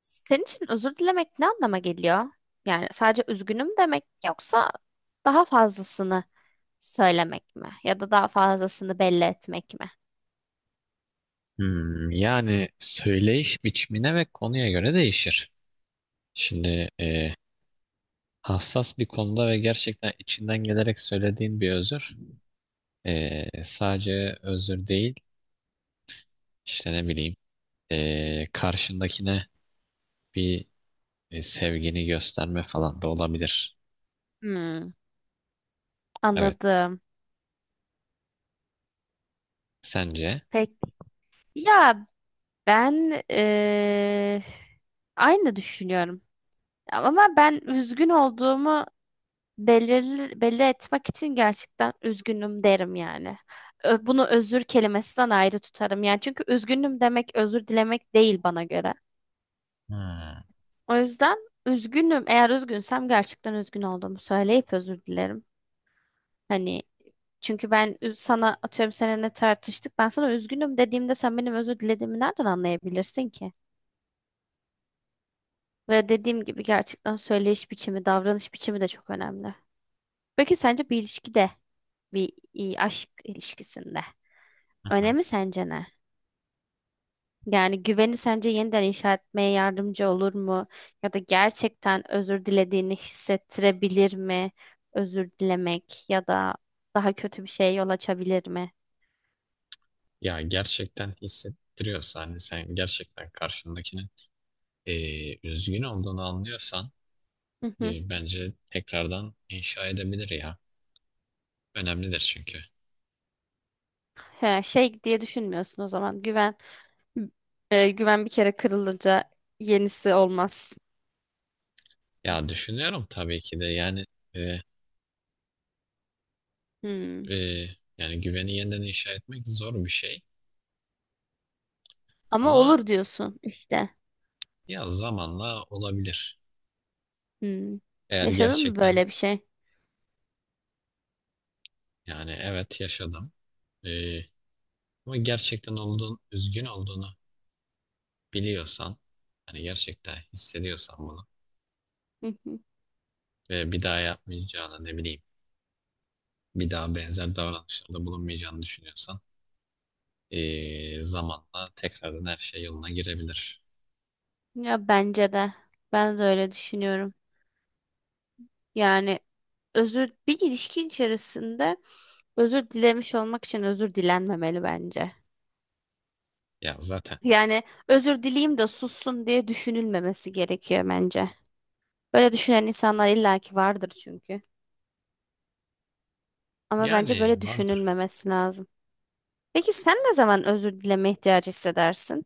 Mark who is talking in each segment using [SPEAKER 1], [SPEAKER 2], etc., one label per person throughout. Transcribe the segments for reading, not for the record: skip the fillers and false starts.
[SPEAKER 1] Senin için özür dilemek ne anlama geliyor? Yani sadece üzgünüm demek yoksa daha fazlasını söylemek mi? Ya da daha fazlasını belli etmek mi?
[SPEAKER 2] Yani söyleyiş biçimine ve konuya göre değişir. Şimdi hassas bir konuda ve gerçekten içinden gelerek söylediğin bir özür, sadece özür değil, işte ne bileyim, karşındakine bir sevgini gösterme falan da olabilir.
[SPEAKER 1] Hmm,
[SPEAKER 2] Evet.
[SPEAKER 1] anladım.
[SPEAKER 2] Sence?
[SPEAKER 1] Peki ya ben aynı düşünüyorum. Ama ben üzgün olduğumu belli etmek için gerçekten üzgünüm derim yani. Bunu özür kelimesinden ayrı tutarım. Yani çünkü üzgünüm demek özür dilemek değil bana göre.
[SPEAKER 2] Hmm, hı
[SPEAKER 1] O yüzden üzgünüm. Eğer üzgünsem gerçekten üzgün olduğumu söyleyip özür dilerim. Hani çünkü sana atıyorum seninle tartıştık. Ben sana üzgünüm dediğimde sen benim özür dilediğimi nereden anlayabilirsin ki? Ve dediğim gibi gerçekten söyleyiş biçimi, davranış biçimi de çok önemli. Peki sence bir ilişkide, aşk ilişkisinde
[SPEAKER 2] hı.
[SPEAKER 1] önemi sence ne? Yani güveni sence yeniden inşa etmeye yardımcı olur mu? Ya da gerçekten özür dilediğini hissettirebilir mi? Özür dilemek ya da daha kötü bir şeye yol açabilir mi?
[SPEAKER 2] Ya gerçekten hissettiriyorsa, hani sen gerçekten karşındakinin üzgün olduğunu anlıyorsan,
[SPEAKER 1] Hı hı.
[SPEAKER 2] bence tekrardan inşa edebilir ya. Önemlidir çünkü.
[SPEAKER 1] He, şey diye düşünmüyorsun o zaman. Güven güven bir kere kırılınca yenisi olmaz.
[SPEAKER 2] Ya düşünüyorum tabii ki de, yani e,
[SPEAKER 1] Hmm.
[SPEAKER 2] e, yani güveni yeniden inşa etmek zor bir şey
[SPEAKER 1] Ama
[SPEAKER 2] ama
[SPEAKER 1] olur diyorsun işte.
[SPEAKER 2] ya zamanla olabilir.
[SPEAKER 1] Hmm.
[SPEAKER 2] Eğer
[SPEAKER 1] Yaşadın mı
[SPEAKER 2] gerçekten,
[SPEAKER 1] böyle bir şey?
[SPEAKER 2] yani evet yaşadım, e, ama gerçekten olduğun üzgün olduğunu biliyorsan, hani gerçekten hissediyorsan bunu
[SPEAKER 1] Hı hı.
[SPEAKER 2] ve bir daha yapmayacağını, ne bileyim, bir daha benzer davranışlarda bulunmayacağını düşünüyorsan, zamanla tekrardan her şey yoluna girebilir.
[SPEAKER 1] Ya bence de. Ben de öyle düşünüyorum. Yani özür bir ilişki içerisinde özür dilemiş olmak için özür dilenmemeli bence.
[SPEAKER 2] Ya zaten
[SPEAKER 1] Yani özür dileyim de sussun diye düşünülmemesi gerekiyor bence. Böyle düşünen insanlar illaki vardır çünkü. Ama bence
[SPEAKER 2] yani
[SPEAKER 1] böyle
[SPEAKER 2] vardır.
[SPEAKER 1] düşünülmemesi lazım. Peki sen ne zaman özür dileme ihtiyacı hissedersin?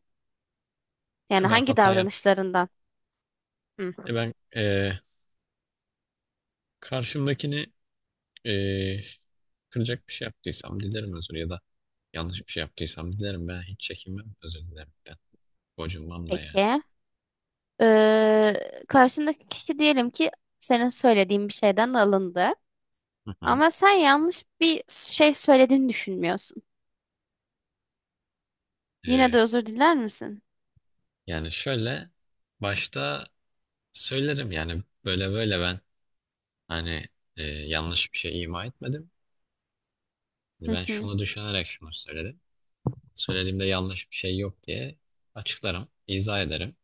[SPEAKER 2] Ya
[SPEAKER 1] Yani
[SPEAKER 2] ben
[SPEAKER 1] hangi
[SPEAKER 2] hata
[SPEAKER 1] davranışlarından?
[SPEAKER 2] E
[SPEAKER 1] Hı.
[SPEAKER 2] ben e, karşımdakini, e, kıracak bir şey yaptıysam dilerim özür, ya da yanlış bir şey yaptıysam dilerim, ben hiç çekinmem özür dilemekten. Gocunmam da yani.
[SPEAKER 1] Peki. Karşındaki kişi diyelim ki senin söylediğin bir şeyden alındı.
[SPEAKER 2] Hı hı.
[SPEAKER 1] Ama sen yanlış bir şey söylediğini düşünmüyorsun. Yine
[SPEAKER 2] E,
[SPEAKER 1] de özür diler misin?
[SPEAKER 2] Yani şöyle, başta söylerim yani, böyle böyle ben, hani, yanlış bir şey ima etmedim. Hani
[SPEAKER 1] Hı
[SPEAKER 2] ben
[SPEAKER 1] hı,
[SPEAKER 2] şunu düşünerek şunu söyledim. Söylediğimde yanlış bir şey yok diye açıklarım, izah ederim.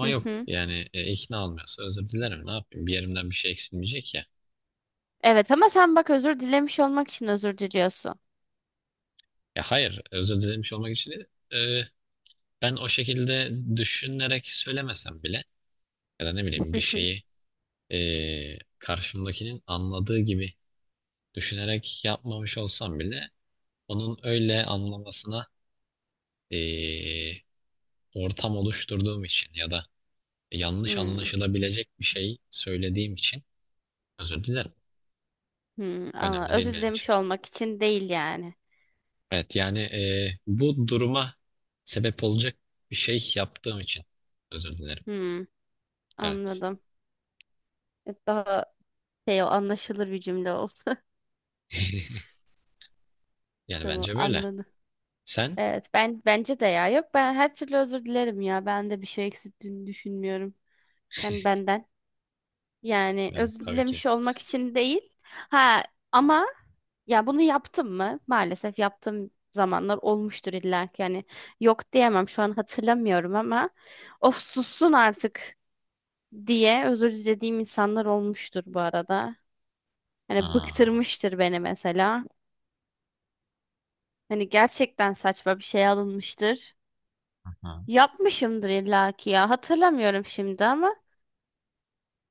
[SPEAKER 1] hı
[SPEAKER 2] yok
[SPEAKER 1] hı.
[SPEAKER 2] yani, ikna olmuyorsa özür dilerim, ne yapayım, bir yerimden bir şey eksilmeyecek ya.
[SPEAKER 1] Evet ama sen bak özür dilemiş olmak için özür diliyorsun.
[SPEAKER 2] Ya hayır, özür dilemiş olmak için değil. Ee, Ben o şekilde düşünerek söylemesem bile, ya da ne bileyim, bir
[SPEAKER 1] Hı hı.
[SPEAKER 2] şeyi karşımdakinin anladığı gibi düşünerek yapmamış olsam bile, onun öyle anlamasına ee, ortam oluşturduğum için, ya da yanlış
[SPEAKER 1] Hmm,
[SPEAKER 2] anlaşılabilecek bir şey söylediğim için özür dilerim. Önemli değil
[SPEAKER 1] Özür
[SPEAKER 2] benim için.
[SPEAKER 1] dilemiş olmak için değil yani.
[SPEAKER 2] Evet yani, bu duruma sebep olacak bir şey yaptığım için özür dilerim.
[SPEAKER 1] Hmm,
[SPEAKER 2] Evet.
[SPEAKER 1] anladım. Daha şey o anlaşılır bir cümle olsa.
[SPEAKER 2] Yani
[SPEAKER 1] Tamam
[SPEAKER 2] bence böyle.
[SPEAKER 1] anladım.
[SPEAKER 2] Sen?
[SPEAKER 1] Evet ben bence de ya. Yok ben her türlü özür dilerim ya. Ben de bir şey eksilttiğini düşünmüyorum. Yani benden. Yani
[SPEAKER 2] Yani
[SPEAKER 1] özür
[SPEAKER 2] tabii ki.
[SPEAKER 1] dilemiş olmak için değil. Ha ama ya bunu yaptım mı? Maalesef yaptığım zamanlar olmuştur illa ki. Yani yok diyemem şu an hatırlamıyorum ama of sussun artık diye özür dilediğim insanlar olmuştur bu arada. Hani
[SPEAKER 2] Aa,
[SPEAKER 1] bıktırmıştır beni mesela. Hani gerçekten saçma bir şey alınmıştır.
[SPEAKER 2] ha.
[SPEAKER 1] Yapmışımdır illa ki ya. Hatırlamıyorum şimdi ama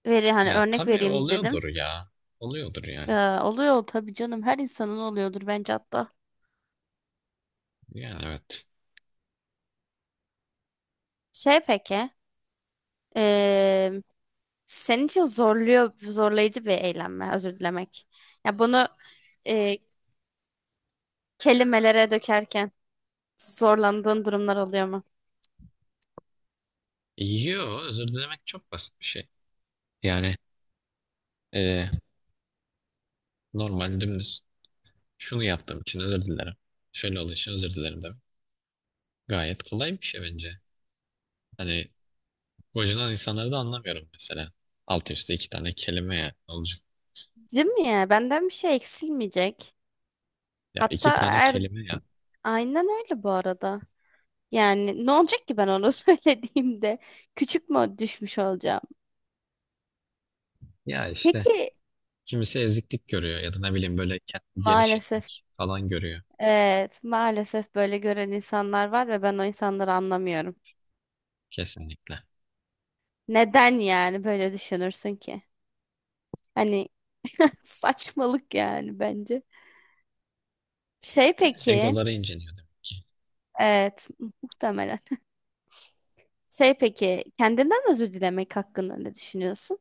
[SPEAKER 1] hani
[SPEAKER 2] Ya
[SPEAKER 1] örnek
[SPEAKER 2] tabii
[SPEAKER 1] vereyim dedim.
[SPEAKER 2] oluyordur ya. Oluyordur yani.
[SPEAKER 1] Ee, oluyor tabii canım her insanın oluyordur bence hatta.
[SPEAKER 2] Yani evet.
[SPEAKER 1] Şey peki, eee, senin için zorlayıcı bir eylem mi? Özür dilemek. Ya bunu eee, kelimelere dökerken zorlandığın durumlar oluyor mu?
[SPEAKER 2] Yo, özür dilemek çok basit bir şey. Yani e, normal, dümdüz, şunu yaptığım için özür dilerim, şöyle olduğu için özür dilerim demek. Gayet kolay bir şey bence. Hani gocunan insanları da anlamıyorum mesela. Alt üstte iki tane kelime ya olacak.
[SPEAKER 1] Değil mi ya? Benden bir şey eksilmeyecek.
[SPEAKER 2] Ya
[SPEAKER 1] Hatta
[SPEAKER 2] iki tane kelime ya.
[SPEAKER 1] aynen öyle bu arada. Yani ne olacak ki ben onu söylediğimde? Küçük mü düşmüş olacağım?
[SPEAKER 2] Ya işte
[SPEAKER 1] Peki
[SPEAKER 2] kimisi eziklik görüyor, ya da ne bileyim, böyle kendini geri
[SPEAKER 1] maalesef,
[SPEAKER 2] çekmek falan görüyor.
[SPEAKER 1] evet maalesef böyle gören insanlar var ve ben o insanları anlamıyorum.
[SPEAKER 2] Kesinlikle.
[SPEAKER 1] Neden yani böyle düşünürsün ki? Hani saçmalık yani bence. Şey peki,
[SPEAKER 2] Egoları inciniyordum.
[SPEAKER 1] evet muhtemelen. Şey peki, kendinden özür dilemek hakkında ne düşünüyorsun?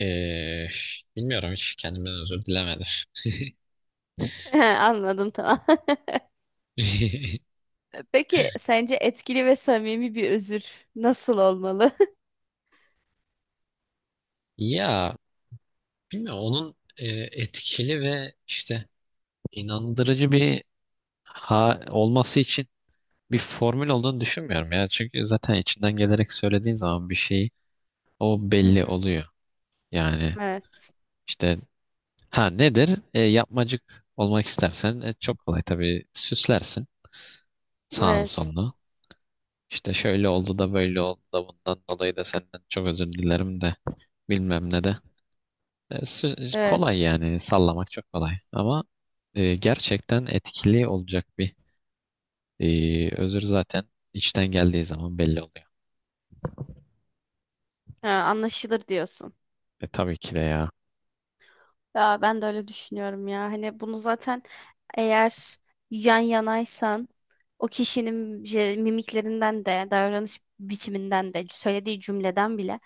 [SPEAKER 2] Ee, Bilmiyorum, hiç kendimden özür dilemedim.
[SPEAKER 1] Anladım tamam. Peki sence etkili ve samimi bir özür nasıl olmalı?
[SPEAKER 2] Ya bilmiyorum, onun etkili ve işte inandırıcı bir ha olması için bir formül olduğunu düşünmüyorum ya. Çünkü zaten içinden gelerek söylediğin zaman bir şey, o
[SPEAKER 1] Hı
[SPEAKER 2] belli
[SPEAKER 1] hı.
[SPEAKER 2] oluyor. Yani
[SPEAKER 1] Evet,
[SPEAKER 2] işte ha nedir? Yapmacık olmak istersen, çok kolay, tabii süslersin sağını
[SPEAKER 1] evet,
[SPEAKER 2] solunu. İşte şöyle oldu da böyle oldu da bundan dolayı da senden çok özür dilerim de bilmem ne de. E, s- Kolay
[SPEAKER 1] evet.
[SPEAKER 2] yani, sallamak çok kolay, ama gerçekten etkili olacak bir özür zaten içten geldiği zaman belli oluyor.
[SPEAKER 1] Ha, anlaşılır diyorsun.
[SPEAKER 2] Tabii ki de ya.
[SPEAKER 1] Ya ben de öyle düşünüyorum ya. Hani bunu zaten eğer yan yanaysan o kişinin mimiklerinden de, davranış biçiminden de, söylediği cümleden bile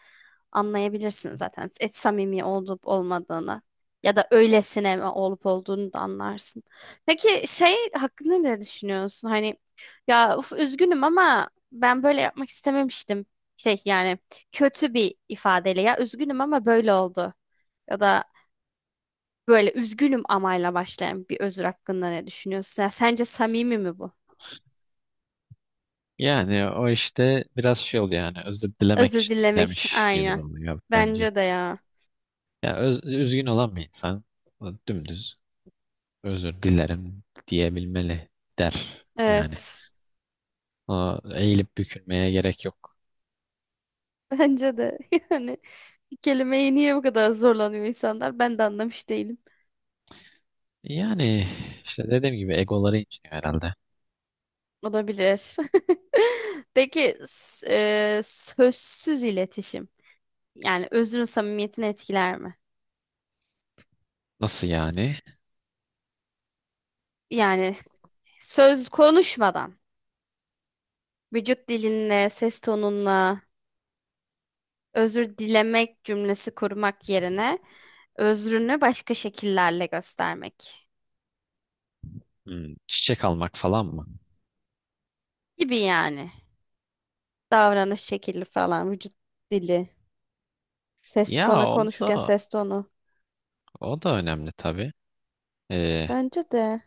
[SPEAKER 1] anlayabilirsin zaten. Et samimi olup olmadığını ya da öylesine mi olup olduğunu da anlarsın. Peki şey hakkında ne düşünüyorsun? Hani ya uf, üzgünüm ama ben böyle yapmak istememiştim. Şey yani kötü bir ifadeyle ya üzgünüm ama böyle oldu. Ya da böyle üzgünüm amayla başlayan bir özür hakkında ne düşünüyorsun? Ya sence samimi mi bu?
[SPEAKER 2] Yani o işte biraz şey oluyor, yani özür dilemek için dilemiş gibi
[SPEAKER 1] Aynen.
[SPEAKER 2] oluyor bence.
[SPEAKER 1] Bence de ya.
[SPEAKER 2] Üzgün olan bir insan dümdüz özür dilerim diyebilmeli, der yani.
[SPEAKER 1] Evet.
[SPEAKER 2] Aa, eğilip bükülmeye gerek yok.
[SPEAKER 1] Bence de. Yani bir kelimeyi niye bu kadar zorlanıyor insanlar? Ben de anlamış değilim.
[SPEAKER 2] Yani işte dediğim gibi egoları inciniyor herhalde.
[SPEAKER 1] Olabilir. Peki s- sözsüz iletişim. Yani özrün samimiyetini etkiler mi?
[SPEAKER 2] Nasıl yani?
[SPEAKER 1] Yani söz konuşmadan. Vücut dilinle, ses tonunla. Özür dilemek cümlesi kurmak yerine özrünü başka şekillerle göstermek
[SPEAKER 2] Çiçek almak falan mı?
[SPEAKER 1] gibi yani. Davranış şekli falan, vücut dili, ses
[SPEAKER 2] Ya
[SPEAKER 1] tonu
[SPEAKER 2] o
[SPEAKER 1] konuşurken
[SPEAKER 2] da,
[SPEAKER 1] ses tonu.
[SPEAKER 2] o da önemli tabii. Ee,
[SPEAKER 1] Bence de.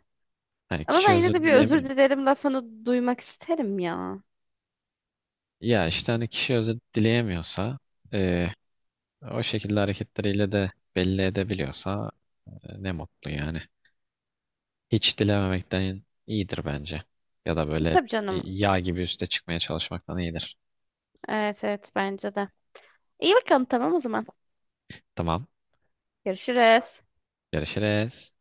[SPEAKER 2] Hani
[SPEAKER 1] Ama ben
[SPEAKER 2] kişi
[SPEAKER 1] yine de
[SPEAKER 2] özür
[SPEAKER 1] bir özür
[SPEAKER 2] dilemiyor.
[SPEAKER 1] dilerim lafını duymak isterim ya.
[SPEAKER 2] Ya işte hani kişi özür dileyemiyorsa, ee, o şekilde hareketleriyle de belli edebiliyorsa, ne mutlu yani. Hiç dilememekten iyidir bence. Ya da böyle
[SPEAKER 1] Tabii canım.
[SPEAKER 2] yağ gibi üste çıkmaya çalışmaktan iyidir.
[SPEAKER 1] Evet evet bence de. İyi bakalım tamam o zaman.
[SPEAKER 2] Tamam.
[SPEAKER 1] Görüşürüz.
[SPEAKER 2] Görüşürüz.